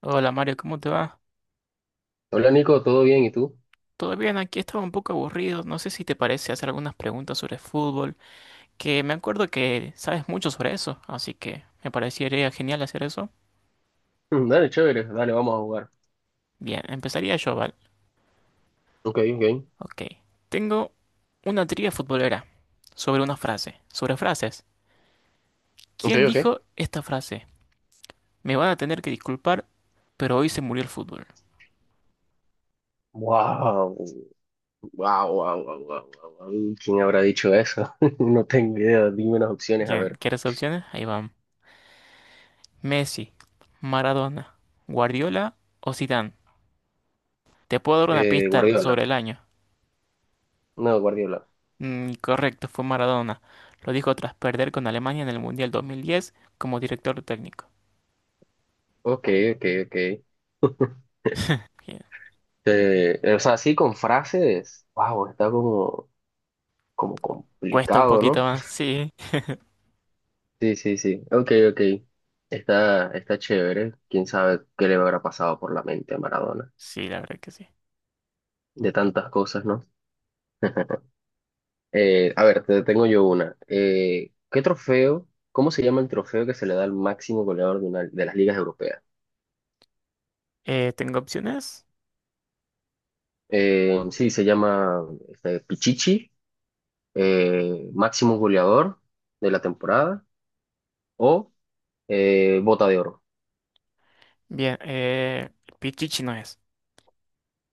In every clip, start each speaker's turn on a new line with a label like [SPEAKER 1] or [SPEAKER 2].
[SPEAKER 1] Hola Mario, ¿cómo te va?
[SPEAKER 2] Hola Nico, ¿todo bien? ¿Y tú?
[SPEAKER 1] Todo bien, aquí estaba un poco aburrido. No sé si te parece hacer algunas preguntas sobre fútbol, que me acuerdo que sabes mucho sobre eso, así que me parecería genial hacer eso.
[SPEAKER 2] Mm, dale, chévere, dale, vamos a jugar.
[SPEAKER 1] Bien, empezaría yo, ¿vale?
[SPEAKER 2] Ok, ok,
[SPEAKER 1] Ok. Tengo una trivia futbolera sobre una frase, sobre frases.
[SPEAKER 2] ok,
[SPEAKER 1] ¿Quién
[SPEAKER 2] ok.
[SPEAKER 1] dijo esta frase? Me van a tener que disculpar, pero hoy se murió el fútbol.
[SPEAKER 2] Wow, wow, wow, wow, wow, wow, wow. ¿Quién habrá dicho eso? No tengo idea, dime unas opciones, a
[SPEAKER 1] Bien,
[SPEAKER 2] ver.
[SPEAKER 1] ¿quieres opciones? Ahí van. Messi, Maradona, Guardiola o Zidane. Te puedo dar una pista sobre
[SPEAKER 2] Guardiola.
[SPEAKER 1] el año.
[SPEAKER 2] No, Guardiola.
[SPEAKER 1] Correcto, fue Maradona. Lo dijo tras perder con Alemania en el Mundial 2010 como director técnico.
[SPEAKER 2] Ok, ok, ok.
[SPEAKER 1] Bien.
[SPEAKER 2] O sea, así con frases. Wow, está como
[SPEAKER 1] Cuesta un
[SPEAKER 2] complicado,
[SPEAKER 1] poquito
[SPEAKER 2] ¿no?
[SPEAKER 1] más, sí.
[SPEAKER 2] Sí, sí, sí. Ok, ok. Está chévere. ¿Quién sabe qué le habrá pasado por la mente a Maradona?
[SPEAKER 1] Sí, la verdad que sí.
[SPEAKER 2] De tantas cosas, ¿no? A ver, te tengo yo una. ¿qué trofeo? ¿Cómo se llama el trofeo que se le da al máximo goleador de las ligas europeas?
[SPEAKER 1] ¿Tengo opciones?
[SPEAKER 2] Sí, se llama Pichichi, máximo goleador de la temporada o Bota de Oro.
[SPEAKER 1] Bien, Pichichi no es.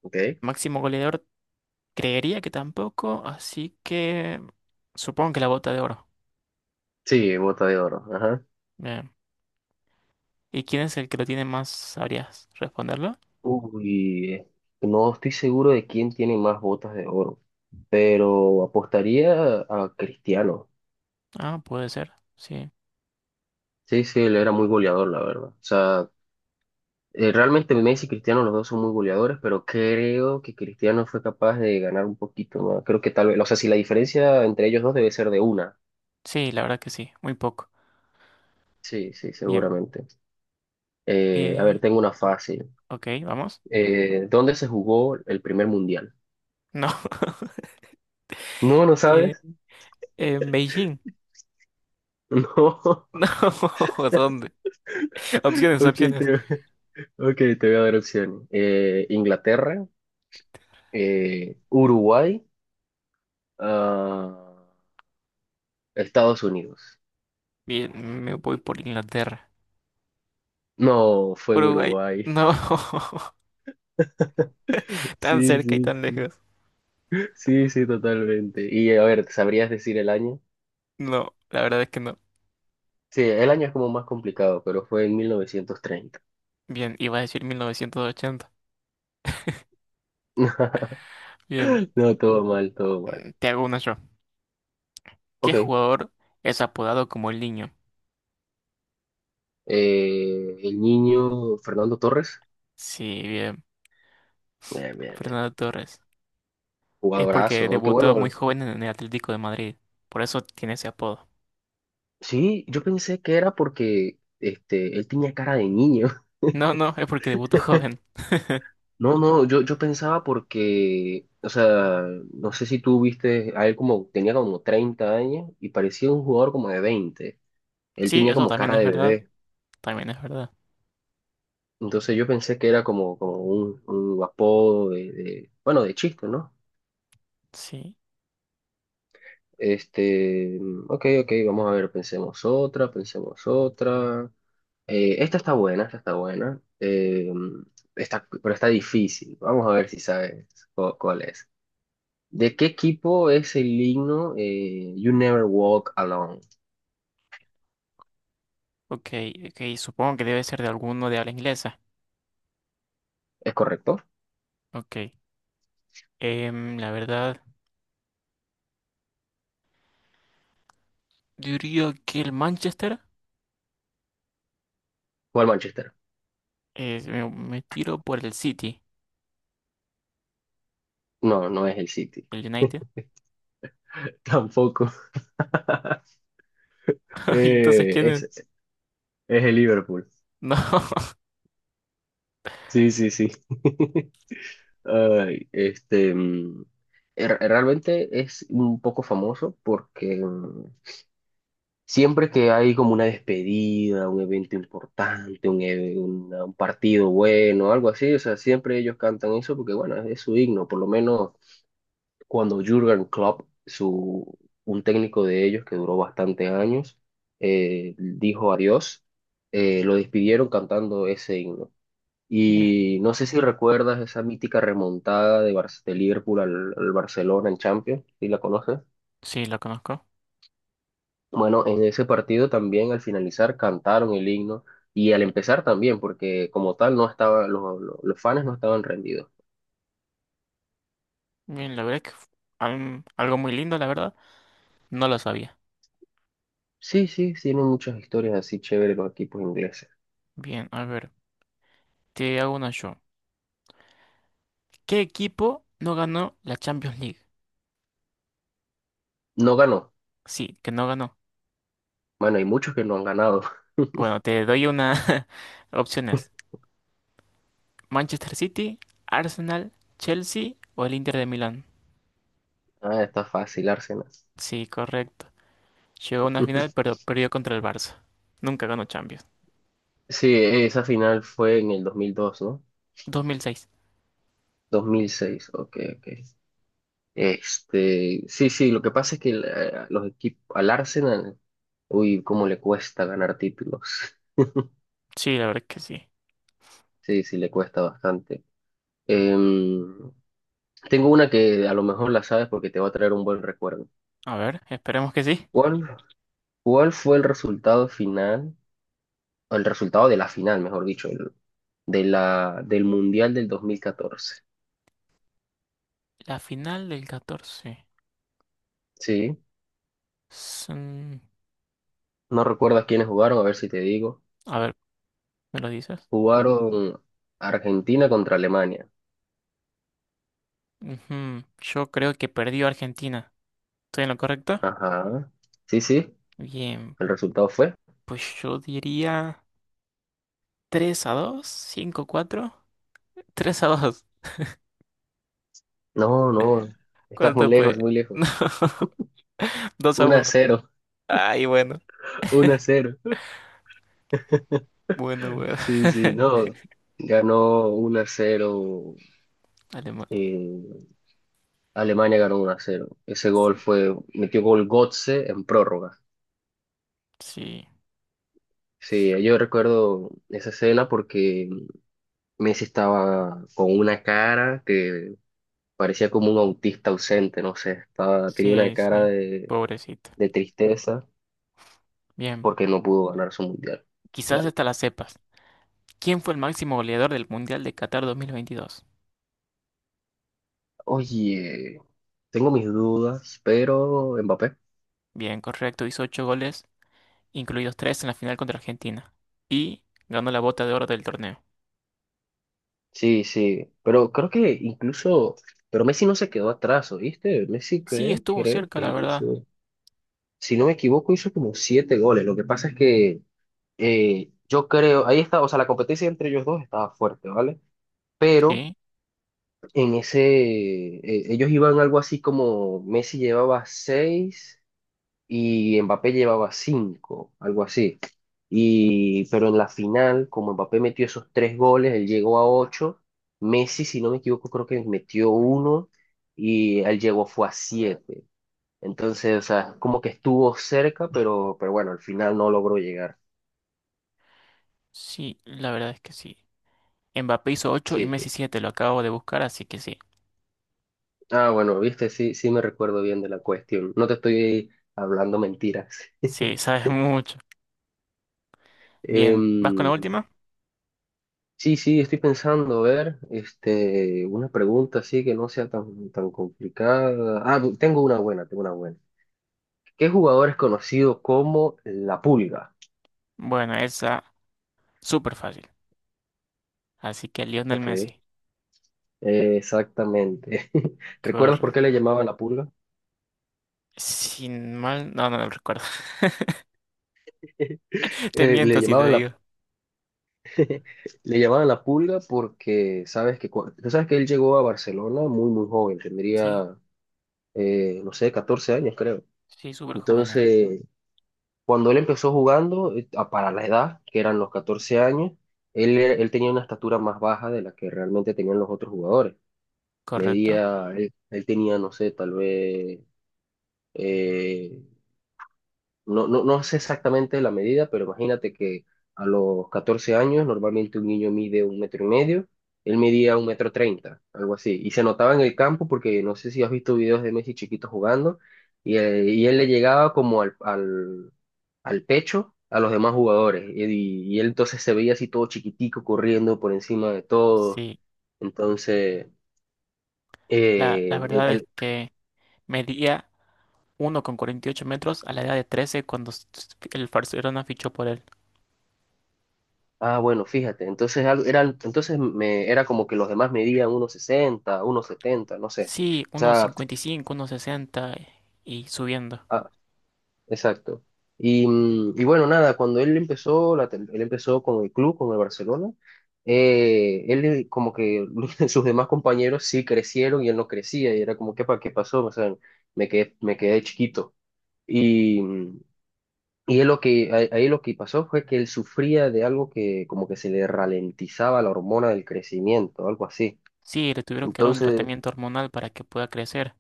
[SPEAKER 2] ¿Ok?
[SPEAKER 1] Máximo goleador, creería que tampoco, así que supongo que la bota de oro.
[SPEAKER 2] Sí, Bota de Oro. Ajá.
[SPEAKER 1] Bien. ¿Y quién es el que lo tiene más? ¿Sabrías responderlo?
[SPEAKER 2] Uy, eh, no estoy seguro de quién tiene más botas de oro, pero apostaría a Cristiano.
[SPEAKER 1] Ah, puede ser, sí.
[SPEAKER 2] Sí, sí, él era muy goleador, la verdad. O sea, eh, realmente Messi y Cristiano, los dos son muy goleadores, pero creo que Cristiano fue capaz de ganar un poquito más. Creo que tal vez, o sea, si la diferencia entre ellos dos debe ser de una.
[SPEAKER 1] Sí, la verdad que sí, muy poco.
[SPEAKER 2] Sí, sí,
[SPEAKER 1] Bien.
[SPEAKER 2] seguramente. A ver,
[SPEAKER 1] Eh,
[SPEAKER 2] tengo una fácil.
[SPEAKER 1] ok, vamos.
[SPEAKER 2] ¿dónde se jugó el primer mundial?
[SPEAKER 1] No.
[SPEAKER 2] No, ¿no sabes?
[SPEAKER 1] En Beijing.
[SPEAKER 2] No.
[SPEAKER 1] No, ¿dónde? Opciones,
[SPEAKER 2] Ok,
[SPEAKER 1] opciones.
[SPEAKER 2] te, ok, te voy a dar opciones. Inglaterra, Uruguay, ah, Estados Unidos.
[SPEAKER 1] Bien, me voy por Inglaterra.
[SPEAKER 2] No, fue en
[SPEAKER 1] Uruguay.
[SPEAKER 2] Uruguay.
[SPEAKER 1] No, tan
[SPEAKER 2] Sí,
[SPEAKER 1] cerca y
[SPEAKER 2] sí,
[SPEAKER 1] tan
[SPEAKER 2] sí.
[SPEAKER 1] lejos.
[SPEAKER 2] Sí, sí, totalmente. Y a ver, ¿sabrías decir el año?
[SPEAKER 1] No, la verdad es que no.
[SPEAKER 2] Sí, el año es como más complicado, pero fue en 1930.
[SPEAKER 1] Bien, iba a decir 1980. Bien,
[SPEAKER 2] No, todo mal, todo mal.
[SPEAKER 1] te hago una yo. ¿Qué
[SPEAKER 2] Ok,
[SPEAKER 1] jugador es apodado como el niño?
[SPEAKER 2] el niño Fernando Torres.
[SPEAKER 1] Sí, bien,
[SPEAKER 2] Bien, bien, bien.
[SPEAKER 1] Fernando Torres. Es
[SPEAKER 2] Jugadorazo.
[SPEAKER 1] porque
[SPEAKER 2] Aunque
[SPEAKER 1] debutó muy
[SPEAKER 2] bueno,
[SPEAKER 1] joven en el Atlético de Madrid. Por eso tiene ese apodo.
[SPEAKER 2] sí, yo pensé que era porque él tenía cara de niño.
[SPEAKER 1] No, no, es porque debutó joven.
[SPEAKER 2] No, no, yo pensaba porque, o sea, no sé si tú viste a él como, tenía como 30 años y parecía un jugador como de 20. Él
[SPEAKER 1] Sí,
[SPEAKER 2] tenía
[SPEAKER 1] eso
[SPEAKER 2] como
[SPEAKER 1] también
[SPEAKER 2] cara
[SPEAKER 1] es
[SPEAKER 2] de
[SPEAKER 1] verdad.
[SPEAKER 2] bebé.
[SPEAKER 1] También es verdad.
[SPEAKER 2] Entonces yo pensé que era como, como un apodo de de chiste, ¿no?
[SPEAKER 1] Sí.
[SPEAKER 2] Ok, ok, vamos a ver, pensemos otra, pensemos otra. Esta está buena, esta está buena. Pero está difícil. Vamos a ver si sabes cuál es. ¿De qué equipo es el himno You Never Walk Alone?
[SPEAKER 1] Ok, ok, supongo que debe ser de alguno de habla inglesa.
[SPEAKER 2] ¿Es correcto?
[SPEAKER 1] Ok, la verdad, diría que el Manchester,
[SPEAKER 2] ¿O el Manchester?
[SPEAKER 1] me tiro por el City,
[SPEAKER 2] No, no es el City.
[SPEAKER 1] el United.
[SPEAKER 2] Tampoco.
[SPEAKER 1] Entonces,
[SPEAKER 2] Eh,
[SPEAKER 1] ¿quién es?
[SPEAKER 2] es, es el Liverpool.
[SPEAKER 1] No,
[SPEAKER 2] Sí, sí, sí. Ay, este, mm, er- Realmente es un poco famoso porque siempre que hay como una despedida, un evento importante, un partido bueno, algo así, o sea, siempre ellos cantan eso porque, bueno, es su himno. Por lo menos cuando Jürgen Klopp, un técnico de ellos que duró bastantes años, dijo adiós, lo despidieron cantando ese himno.
[SPEAKER 1] mira,
[SPEAKER 2] Y no sé si recuerdas esa mítica remontada de Liverpool al Barcelona en Champions, si la conoces.
[SPEAKER 1] sí, lo conozco.
[SPEAKER 2] Bueno, en ese partido también al finalizar cantaron el himno y al empezar también, porque como tal no estaba, los fans no estaban rendidos.
[SPEAKER 1] Bien, la verdad es que algo muy lindo, la verdad, no lo sabía.
[SPEAKER 2] Sí, sí, tienen muchas historias así chéveres los equipos ingleses.
[SPEAKER 1] Bien, a ver, te hago una yo. ¿Qué equipo no ganó la Champions League?
[SPEAKER 2] No ganó.
[SPEAKER 1] Sí, que no ganó.
[SPEAKER 2] Bueno, hay muchos que no han ganado.
[SPEAKER 1] Bueno, te doy una opciones. Manchester City, Arsenal, Chelsea o el Inter de Milán.
[SPEAKER 2] Ah, está fácil, Arsenal.
[SPEAKER 1] Sí, correcto. Llegó a una final, pero perdió contra el Barça. Nunca ganó Champions.
[SPEAKER 2] Sí, esa final fue en el 2002, ¿no?
[SPEAKER 1] 2006.
[SPEAKER 2] 2006. Ok, ok. Sí, sí, lo que pasa es que los equipos, al Arsenal, uy, cómo le cuesta ganar títulos.
[SPEAKER 1] Sí, la verdad es que sí.
[SPEAKER 2] Sí, sí, le cuesta bastante. Em, tengo una que a lo mejor la sabes porque te va a traer un buen recuerdo.
[SPEAKER 1] A ver, esperemos que sí.
[SPEAKER 2] ¿Cuál, cuál fue el resultado final, o el resultado de la final, mejor dicho, de del Mundial del 2014.
[SPEAKER 1] La final del catorce.
[SPEAKER 2] Sí,
[SPEAKER 1] Son-
[SPEAKER 2] no recuerdas quiénes jugaron, a ver si te digo.
[SPEAKER 1] A ver, ¿me lo dices?
[SPEAKER 2] Jugaron Argentina contra Alemania.
[SPEAKER 1] Ujú, yo creo que perdió Argentina. ¿Estoy en lo correcto?
[SPEAKER 2] Ajá, sí, sí,
[SPEAKER 1] Bien,
[SPEAKER 2] el resultado fue.
[SPEAKER 1] pues yo diría 3 a dos, cinco a 4. 3 a 2.
[SPEAKER 2] No, no, estás muy
[SPEAKER 1] ¿Cuánto
[SPEAKER 2] lejos,
[SPEAKER 1] fue?
[SPEAKER 2] muy
[SPEAKER 1] No,
[SPEAKER 2] lejos.
[SPEAKER 1] 2 a
[SPEAKER 2] 1 a
[SPEAKER 1] uno.
[SPEAKER 2] cero,
[SPEAKER 1] Ay, bueno,
[SPEAKER 2] 1 a cero.
[SPEAKER 1] bueno, bueno.
[SPEAKER 2] Sí, sí, no. Ganó 1 a cero.
[SPEAKER 1] Alemania.
[SPEAKER 2] eh, Alemania ganó 1 a cero. Ese gol fue, metió gol Götze en prórroga.
[SPEAKER 1] Sí,
[SPEAKER 2] Sí, yo recuerdo esa escena porque Messi estaba con una cara que parecía como un autista ausente, no sé, estaba, tenía una
[SPEAKER 1] sí,
[SPEAKER 2] cara
[SPEAKER 1] sí. Pobrecito.
[SPEAKER 2] de tristeza
[SPEAKER 1] Bien,
[SPEAKER 2] porque no pudo ganar su mundial.
[SPEAKER 1] quizás hasta la sepas. ¿Quién fue el máximo goleador del Mundial de Qatar 2022?
[SPEAKER 2] Oye, tengo mis dudas, pero Mbappé.
[SPEAKER 1] Bien, correcto, hizo 8 goles, incluidos 3 en la final contra Argentina. Y ganó la bota de oro del torneo.
[SPEAKER 2] Sí, sí, pero creo que incluso, pero Messi no se quedó atrás, ¿oíste? Messi
[SPEAKER 1] Sí,
[SPEAKER 2] creo,
[SPEAKER 1] estuvo
[SPEAKER 2] creo
[SPEAKER 1] cerca,
[SPEAKER 2] que
[SPEAKER 1] la verdad.
[SPEAKER 2] hizo, si no me equivoco, hizo como 7 goles. Lo que pasa es que yo creo, ahí está, o sea, la competencia entre ellos dos estaba fuerte, ¿vale? Pero
[SPEAKER 1] Sí,
[SPEAKER 2] en ese, ellos iban algo así como Messi llevaba seis, y Mbappé llevaba cinco, algo así. Y, pero en la final, como Mbappé metió esos tres goles, él llegó a ocho. Messi, si no me equivoco, creo que metió uno y él llegó fue a siete. Entonces, o sea, como que estuvo cerca, pero bueno, al final no logró llegar.
[SPEAKER 1] sí, la verdad es que sí. Mbappé hizo ocho y
[SPEAKER 2] Sí, sí.
[SPEAKER 1] Messi siete, lo acabo de buscar, así que sí.
[SPEAKER 2] Ah, bueno, viste, sí, sí me recuerdo bien de la cuestión. No te estoy hablando mentiras.
[SPEAKER 1] Sí, sabes mucho.
[SPEAKER 2] Em,
[SPEAKER 1] Bien, ¿vas con la última?
[SPEAKER 2] sí, sí, estoy pensando, a ver, una pregunta así que no sea tan, tan complicada. Ah, tengo una buena, tengo una buena. ¿Qué jugador es conocido como la pulga?
[SPEAKER 1] Bueno, esa súper fácil. Así que Lionel
[SPEAKER 2] Ok,
[SPEAKER 1] Messi.
[SPEAKER 2] exactamente. ¿Recuerdas por qué le
[SPEAKER 1] Correcto.
[SPEAKER 2] llamaban la pulga?
[SPEAKER 1] Sin mal, no, no lo recuerdo. Te
[SPEAKER 2] Eh, le
[SPEAKER 1] miento si te
[SPEAKER 2] llamaban la,
[SPEAKER 1] digo.
[SPEAKER 2] le llamaban la pulga porque sabes que, tú sabes que él llegó a Barcelona muy, muy joven,
[SPEAKER 1] Sí.
[SPEAKER 2] tendría, no sé, 14 años, creo.
[SPEAKER 1] Sí, súper joven era.
[SPEAKER 2] Entonces, cuando él empezó jugando, para la edad, que eran los 14 años, él tenía una estatura más baja de la que realmente tenían los otros jugadores.
[SPEAKER 1] Correcto.
[SPEAKER 2] Medía, él tenía, no sé, tal vez eh, no sé exactamente la medida, pero imagínate que a los 14 años normalmente un niño mide un metro y medio, él medía un metro treinta, algo así, y se notaba en el campo porque no sé si has visto videos de Messi chiquito jugando, y él le llegaba como al pecho a los demás jugadores, y él entonces se veía así todo chiquitico corriendo por encima de todos,
[SPEAKER 1] Sí,
[SPEAKER 2] entonces
[SPEAKER 1] la
[SPEAKER 2] eh,
[SPEAKER 1] verdad es
[SPEAKER 2] el-
[SPEAKER 1] que medía 1,48 metros a la edad de 13 cuando el Barcelona fichó por él.
[SPEAKER 2] ah, bueno, fíjate, era como que los demás medían uno sesenta, uno setenta, no sé.
[SPEAKER 1] Sí,
[SPEAKER 2] O
[SPEAKER 1] uno
[SPEAKER 2] sea,
[SPEAKER 1] 1,60 y cinco, 1,60 y subiendo.
[SPEAKER 2] ah, exacto. Y, mm, y bueno, nada, cuando él empezó, él empezó con el club, con el Barcelona, él como que sus demás compañeros sí crecieron y él no crecía, y era como, ¿qué pasó? O sea, me quedé chiquito. Y, mm, y él lo que, ahí lo que pasó fue que él sufría de algo que como que se le ralentizaba la hormona del crecimiento, algo así.
[SPEAKER 1] Sí, le tuvieron que dar un
[SPEAKER 2] Entonces,
[SPEAKER 1] tratamiento hormonal para que pueda crecer.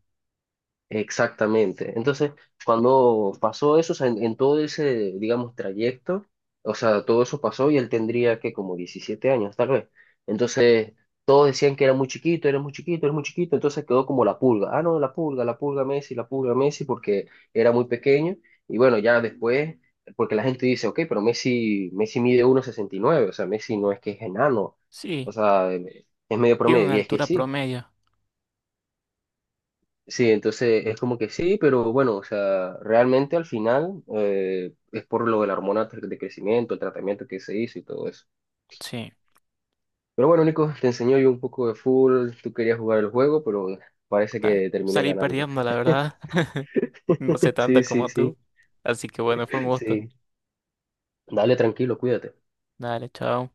[SPEAKER 2] exactamente. Entonces, cuando pasó eso, o sea, en todo ese, digamos, trayecto, o sea, todo eso pasó y él tendría que como 17 años, tal vez. Entonces, todos decían que era muy chiquito, era muy chiquito, era muy chiquito, entonces quedó como la pulga. Ah, no, la pulga Messi, porque era muy pequeño. Y bueno, ya después, porque la gente dice, ok, pero Messi mide uno sesenta y nueve, o sea, Messi no es que es enano,
[SPEAKER 1] Sí,
[SPEAKER 2] o sea, es medio
[SPEAKER 1] tiene
[SPEAKER 2] promedio,
[SPEAKER 1] una
[SPEAKER 2] y es que
[SPEAKER 1] altura
[SPEAKER 2] sí.
[SPEAKER 1] promedio.
[SPEAKER 2] Sí, entonces es como que sí, pero bueno, o sea, realmente al final es por lo de la hormona de crecimiento, el tratamiento que se hizo y todo eso.
[SPEAKER 1] Sí,
[SPEAKER 2] Pero bueno, Nico, te enseñó yo un poco de fútbol, tú querías jugar el juego, pero parece que terminé
[SPEAKER 1] salí
[SPEAKER 2] ganando.
[SPEAKER 1] perdiendo, la verdad. No sé tanto
[SPEAKER 2] Sí, sí,
[SPEAKER 1] como
[SPEAKER 2] sí,
[SPEAKER 1] tú. Así que bueno, fue un gusto.
[SPEAKER 2] sí. Dale, tranquilo, cuídate.
[SPEAKER 1] Dale, chao.